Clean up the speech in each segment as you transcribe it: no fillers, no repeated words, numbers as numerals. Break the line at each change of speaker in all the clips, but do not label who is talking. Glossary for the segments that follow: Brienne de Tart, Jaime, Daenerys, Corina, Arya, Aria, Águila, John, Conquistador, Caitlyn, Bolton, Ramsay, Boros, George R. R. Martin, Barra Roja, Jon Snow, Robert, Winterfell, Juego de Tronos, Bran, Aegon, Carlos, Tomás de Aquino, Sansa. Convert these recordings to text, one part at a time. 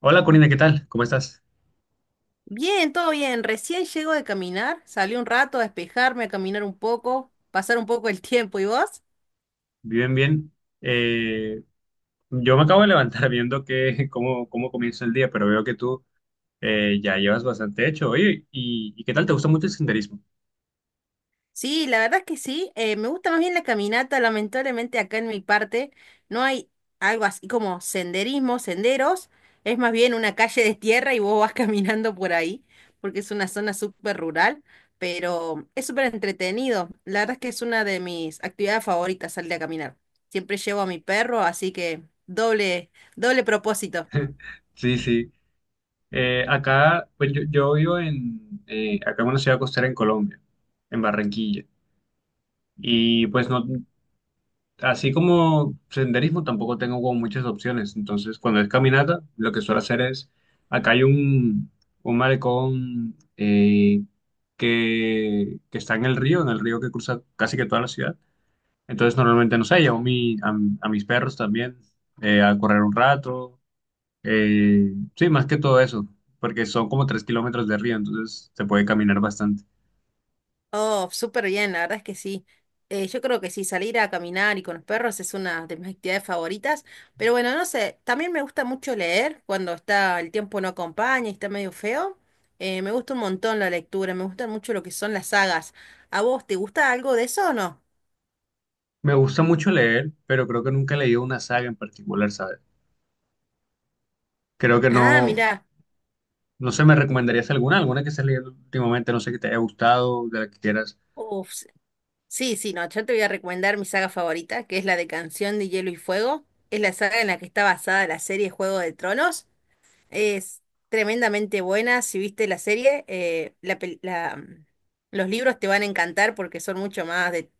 Hola Corina, ¿qué tal? ¿Cómo estás?
Bien, todo bien. Recién llego de caminar, salí un rato a despejarme, a caminar un poco, pasar un poco el tiempo. ¿Y vos?
Bien, bien. Eh, yo me acabo de levantar viendo cómo, cómo comienza el día, pero veo que tú ya llevas bastante hecho. Oye, ¿y qué tal? ¿Te gusta mucho el senderismo?
Sí, la verdad es que sí. Me gusta más bien la caminata. Lamentablemente acá en mi parte no hay algo así como senderismo, senderos. Es más bien una calle de tierra y vos vas caminando por ahí, porque es una zona súper rural, pero es súper entretenido. La verdad es que es una de mis actividades favoritas, salir a caminar. Siempre llevo a mi perro, así que doble, doble propósito.
Sí, sí. Acá, pues yo vivo acá en una ciudad costera en Colombia, en Barranquilla. Y pues no, así como senderismo, tampoco tengo como muchas opciones. Entonces, cuando es caminata, lo que suelo hacer es, acá hay un malecón que está en el río que cruza casi que toda la ciudad. Entonces, normalmente, no sé, llevo a mis perros también a correr un rato. Sí, más que todo eso, porque son como 3 kilómetros de río, entonces se puede caminar bastante.
Oh, súper bien, la verdad es que sí. Yo creo que sí, salir a caminar y con los perros es una de mis actividades favoritas. Pero bueno, no sé, también me gusta mucho leer cuando está el tiempo no acompaña y está medio feo. Me gusta un montón la lectura, me gustan mucho lo que son las sagas. ¿A vos te gusta algo de eso o no?
Me gusta mucho leer, pero creo que nunca he leído una saga en particular, ¿sabes? Creo que
Ah,
no.
mira.
No sé, ¿me recomendarías alguna? ¿Alguna que estés leyendo últimamente? No sé, que te haya gustado, de la que quieras.
Uf, sí, sí, no, yo te voy a recomendar mi saga favorita, que es la de Canción de Hielo y Fuego. Es la saga en la que está basada la serie Juego de Tronos. Es tremendamente buena. Si viste la serie, la pel- la- mm, los libros te van a encantar porque son mucho más de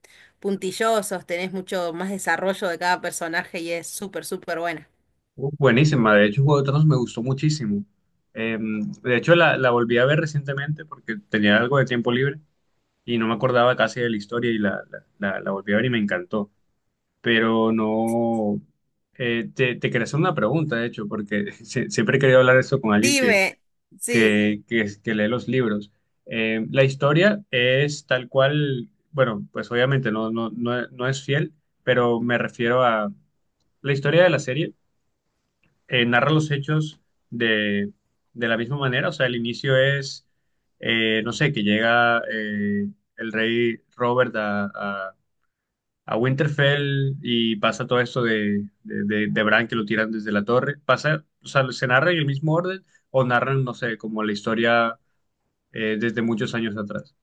puntillosos, tenés mucho más desarrollo de cada personaje y es súper, súper buena.
Buenísima, de hecho, Juego de Tronos me gustó muchísimo. De hecho, la volví a ver recientemente porque tenía algo de tiempo libre y no me acordaba casi de la historia y la volví a ver y me encantó. Pero no... te quería hacer una pregunta, de hecho, porque siempre he querido hablar esto con alguien que
Dime, sí.
que lee los libros. La historia es tal cual, bueno, pues obviamente no es fiel, pero me refiero a la historia de la serie, narra los hechos de, de la misma manera, o sea, el inicio es, no sé, que llega el rey Robert a Winterfell y pasa todo esto de Bran que lo tiran desde la torre, pasa, o sea, se narra en el mismo orden o narran, no sé, como la historia desde muchos años atrás.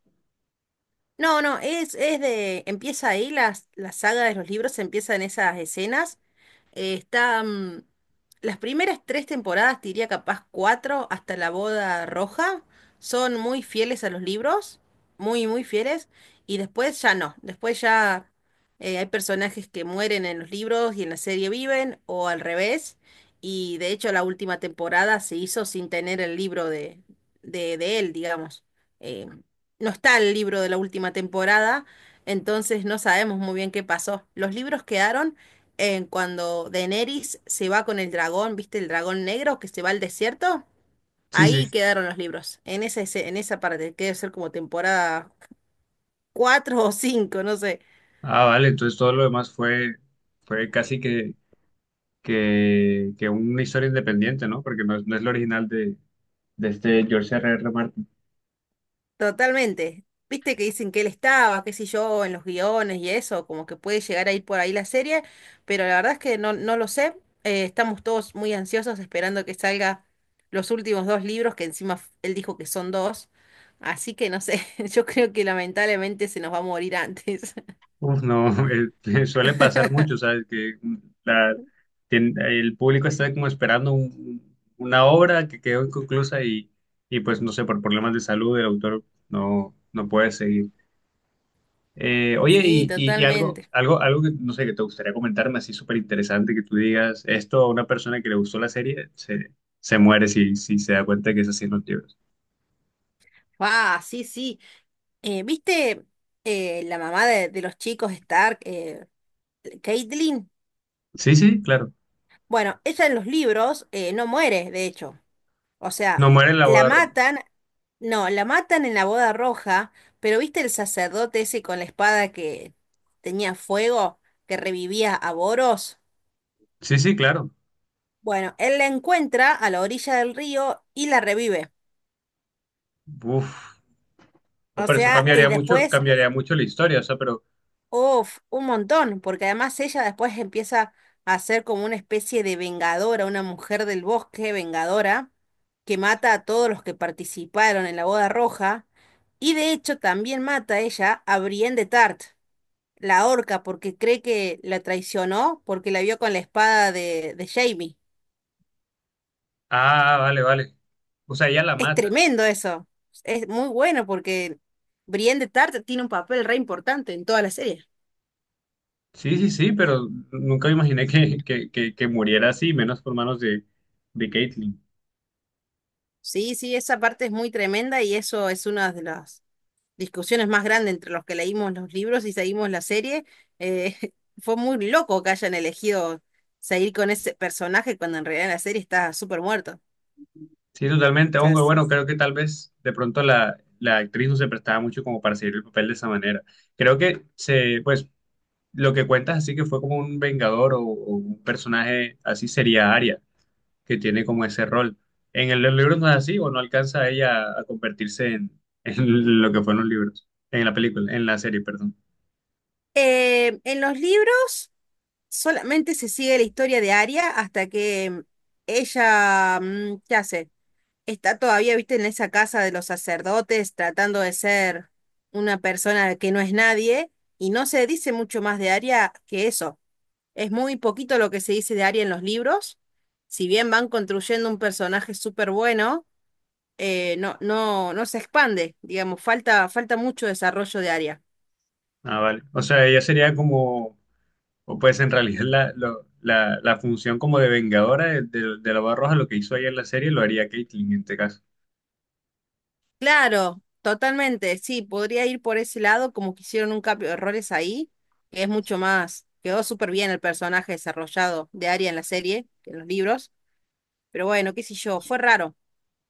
No, no, es de, empieza ahí, la saga de los libros empieza en esas escenas. Eh, está, mm, las primeras tres temporadas, te diría capaz cuatro, hasta la boda roja, son muy fieles a los libros, muy, muy fieles, y después ya no, después ya hay personajes que mueren en los libros y en la serie viven, o al revés, y de hecho la última temporada se hizo sin tener el libro de él, digamos. Eh, no está el libro de la última temporada, entonces no sabemos muy bien qué pasó. Los libros quedaron en cuando Daenerys se va con el dragón. ¿Viste el dragón negro que se va al desierto?
Sí, sí.
Ahí quedaron los libros, en esa parte, que debe ser como temporada 4 o 5, no sé,
Ah, vale, entonces todo lo demás fue, fue casi que una historia independiente, ¿no? Porque no es, no es la original de este George R. R. Martin.
totalmente. Viste que dicen que él estaba, qué sé yo, en los guiones y eso, como que puede llegar a ir por ahí la serie, pero la verdad es que no, no lo sé. Estamos todos muy ansiosos esperando que salga los últimos dos libros, que encima él dijo que son dos, así que no sé, yo creo que lamentablemente se nos va a morir antes.
Uf, no, suele pasar mucho, ¿sabes? Que la- el público está como esperando una obra que quedó inconclusa y pues no sé, por problemas de salud el autor no, no puede seguir. Oye,
Sí,
y
totalmente.
algo que no sé, que te gustaría comentarme así súper interesante, que tú digas, esto a una persona que le gustó la serie se muere si, si se da cuenta que es así en los libros.
Ah, sí, sí. ¿Viste la mamá de los chicos Stark, Caitlyn?
Sí, sí, claro.
Bueno, ella en los libros no muere, de hecho. O sea,
No muere en la
la
boda roja.
matan, no, la matan en la boda roja, pero ¿viste el sacerdote ese con la espada que tenía fuego, que revivía a Boros?
Sí, sí, claro.
Bueno, él la encuentra a la orilla del río y la revive.
Uf. No,
O
pero eso
sea, y después
cambiaría mucho la historia, o sea, pero...
uf, un montón, porque además ella después empieza a ser como una especie de vengadora, una mujer del bosque vengadora, que mata a todos los que participaron en la boda roja, y de hecho también mata a ella a Brienne de Tart, la orca, porque cree que la traicionó porque la vio con la espada de Jaime.
Ah, vale, vale. O sea, ella la
Es
mata.
tremendo eso, es muy bueno porque Brienne de Tart tiene un papel re importante en toda la serie.
Sí, sí, sí, pero nunca me imaginé que muriera así, menos por manos de Caitlyn.
Sí, sí, esa parte es muy tremenda y eso es uno de los discusiones más grandes entre los que leímos los libros y seguimos la serie. Eh, fue muy loco que hayan elegido seguir con ese personaje cuando en realidad en la serie está súper muerto.
Sí, totalmente, aunque
Entonces,
bueno, creo que tal vez de pronto la actriz no se prestaba mucho como para seguir el papel de esa manera. Creo que se, pues, lo que cuentas así que fue como un vengador o un personaje así sería Aria, que tiene como ese rol. Los libro no es así, o no alcanza ella a convertirse en, en lo que fueron los libros, en la película, en la serie, perdón.
en los libros solamente se sigue la historia de Arya hasta que ella, ¿qué hace? Está todavía, viste, en esa casa de los sacerdotes tratando de ser una persona que no es nadie, y no se dice mucho más de Arya que eso. Es muy poquito lo que se dice de Arya en los libros. Si bien van construyendo un personaje súper bueno, no se expande, digamos, falta, falta mucho desarrollo de Arya.
Ah, vale. O sea, ella sería como, o pues en realidad la función como de vengadora de la Barra Roja, lo que hizo ella en la serie, lo haría Caitlyn en este caso.
Claro, totalmente, sí, podría ir por ese lado, como que hicieron un cambio de errores ahí, que es mucho más, quedó súper bien el personaje desarrollado de Arya en la serie, que en los libros, pero bueno, qué sé yo, fue raro.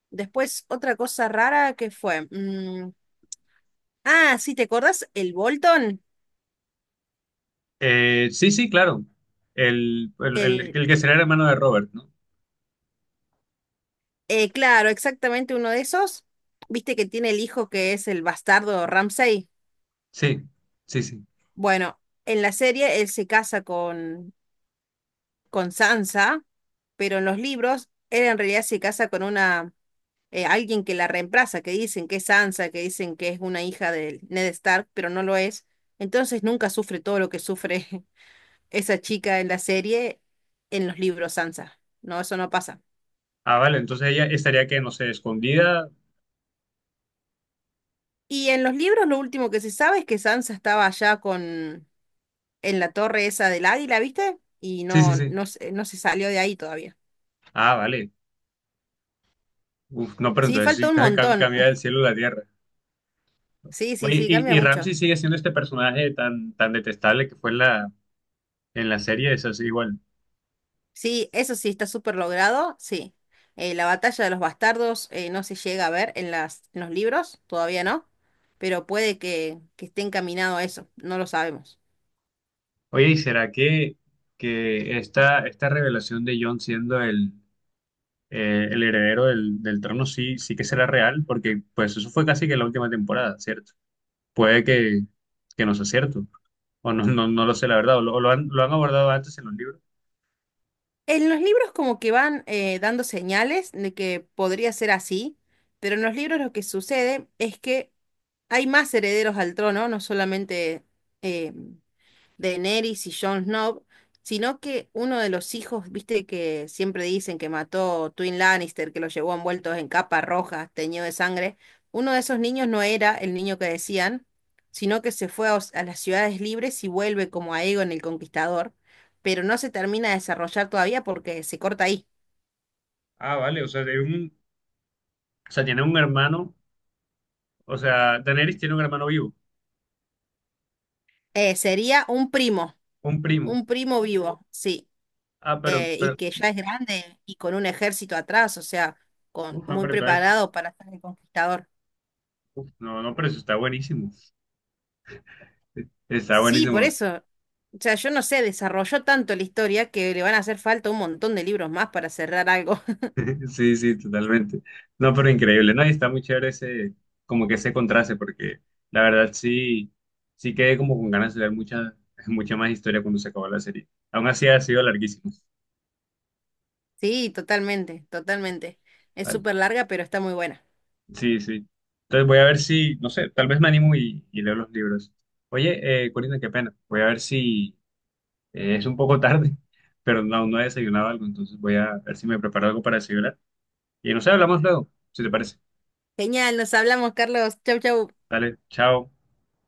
Después, otra cosa rara que fue, ah, sí, ¿te acordás? El Bolton,
Sí, sí, claro.
el,
El que sería el hermano de Robert, ¿no?
Claro, exactamente uno de esos. Viste que tiene el hijo que es el bastardo Ramsay.
Sí, sí, sí.
Bueno, en la serie él se casa con Sansa, pero en los libros él en realidad se casa con una alguien que la reemplaza, que dicen que es Sansa, que dicen que es una hija de Ned Stark, pero no lo es. Entonces nunca sufre todo lo que sufre esa chica en la serie, en los libros Sansa. No, eso no pasa.
Ah, vale, entonces ella estaría que, no sé, escondida.
Y en los libros lo último que se sabe es que Sansa estaba allá con en la torre esa del Águila, ¿viste? Y
Sí, sí,
no,
sí.
no, no se salió de ahí todavía.
Ah, vale. Uf, no, pero
Sí,
entonces sí,
falta un montón.
cambia del cielo a la tierra.
Sí, sí,
Oye,
sí,
y,
cambia
y
mucho.
Ramsey sigue siendo este personaje tan, tan detestable que fue en la serie, eso sí, igual.
Sí, eso sí está súper logrado, sí. La batalla de los bastardos no se llega a ver en las, en los libros, todavía no, pero puede que esté encaminado a eso, no lo sabemos.
Oye, ¿y será que esta revelación de John siendo el heredero del, del trono sí, sí que será real? Porque pues eso fue casi que la última temporada, ¿cierto? Puede que no sea cierto, o no, no, no lo sé, la verdad, o lo han abordado antes en los libros.
En los libros como que van dando señales de que podría ser así, pero en los libros lo que sucede es que hay más herederos al trono, no solamente... eh, Daenerys y Jon Snow, sino que uno de los hijos, viste que siempre dicen que mató Twin Lannister, que lo llevó envueltos en capa roja teñido de sangre, uno de esos niños no era el niño que decían, sino que se fue a, a las ciudades libres y vuelve como Aegon el Conquistador, pero no se termina de desarrollar todavía porque se corta ahí.
Ah, vale, o sea, tiene un hermano, o sea, Daenerys tiene un hermano vivo,
Sería
un primo.
un primo vivo, sí,
Ah,
y
pero,
que ya es grande y con un ejército atrás, o sea, con,
uf, ah,
muy
pero entonces,
preparado para ser el conquistador.
uf, no, no, pero eso está buenísimo. Está
Sí, por
buenísimo.
eso. O sea, yo no sé, desarrolló tanto la historia que le van a hacer falta un montón de libros más para cerrar algo.
Sí, sí, totalmente. No, pero increíble, ¿no? Y está muy chévere ese, como que ese contraste, porque la verdad sí, sí quedé como con ganas de ver mucha, mucha más historia cuando se acabó la serie. Aún así ha sido larguísimo.
Sí, totalmente, totalmente. Es
Vale.
súper larga, pero está muy buena.
Sí, sí. Entonces voy a ver si, no sé, tal vez me animo y leo los libros. Oye, Corina, qué pena. Voy a ver si es un poco tarde, pero no, no he desayunado algo, entonces voy a ver si me preparo algo para desayunar. Y no sé, hablamos luego, si te parece.
Genial, nos hablamos, Carlos. Chau, chau.
Dale, chao.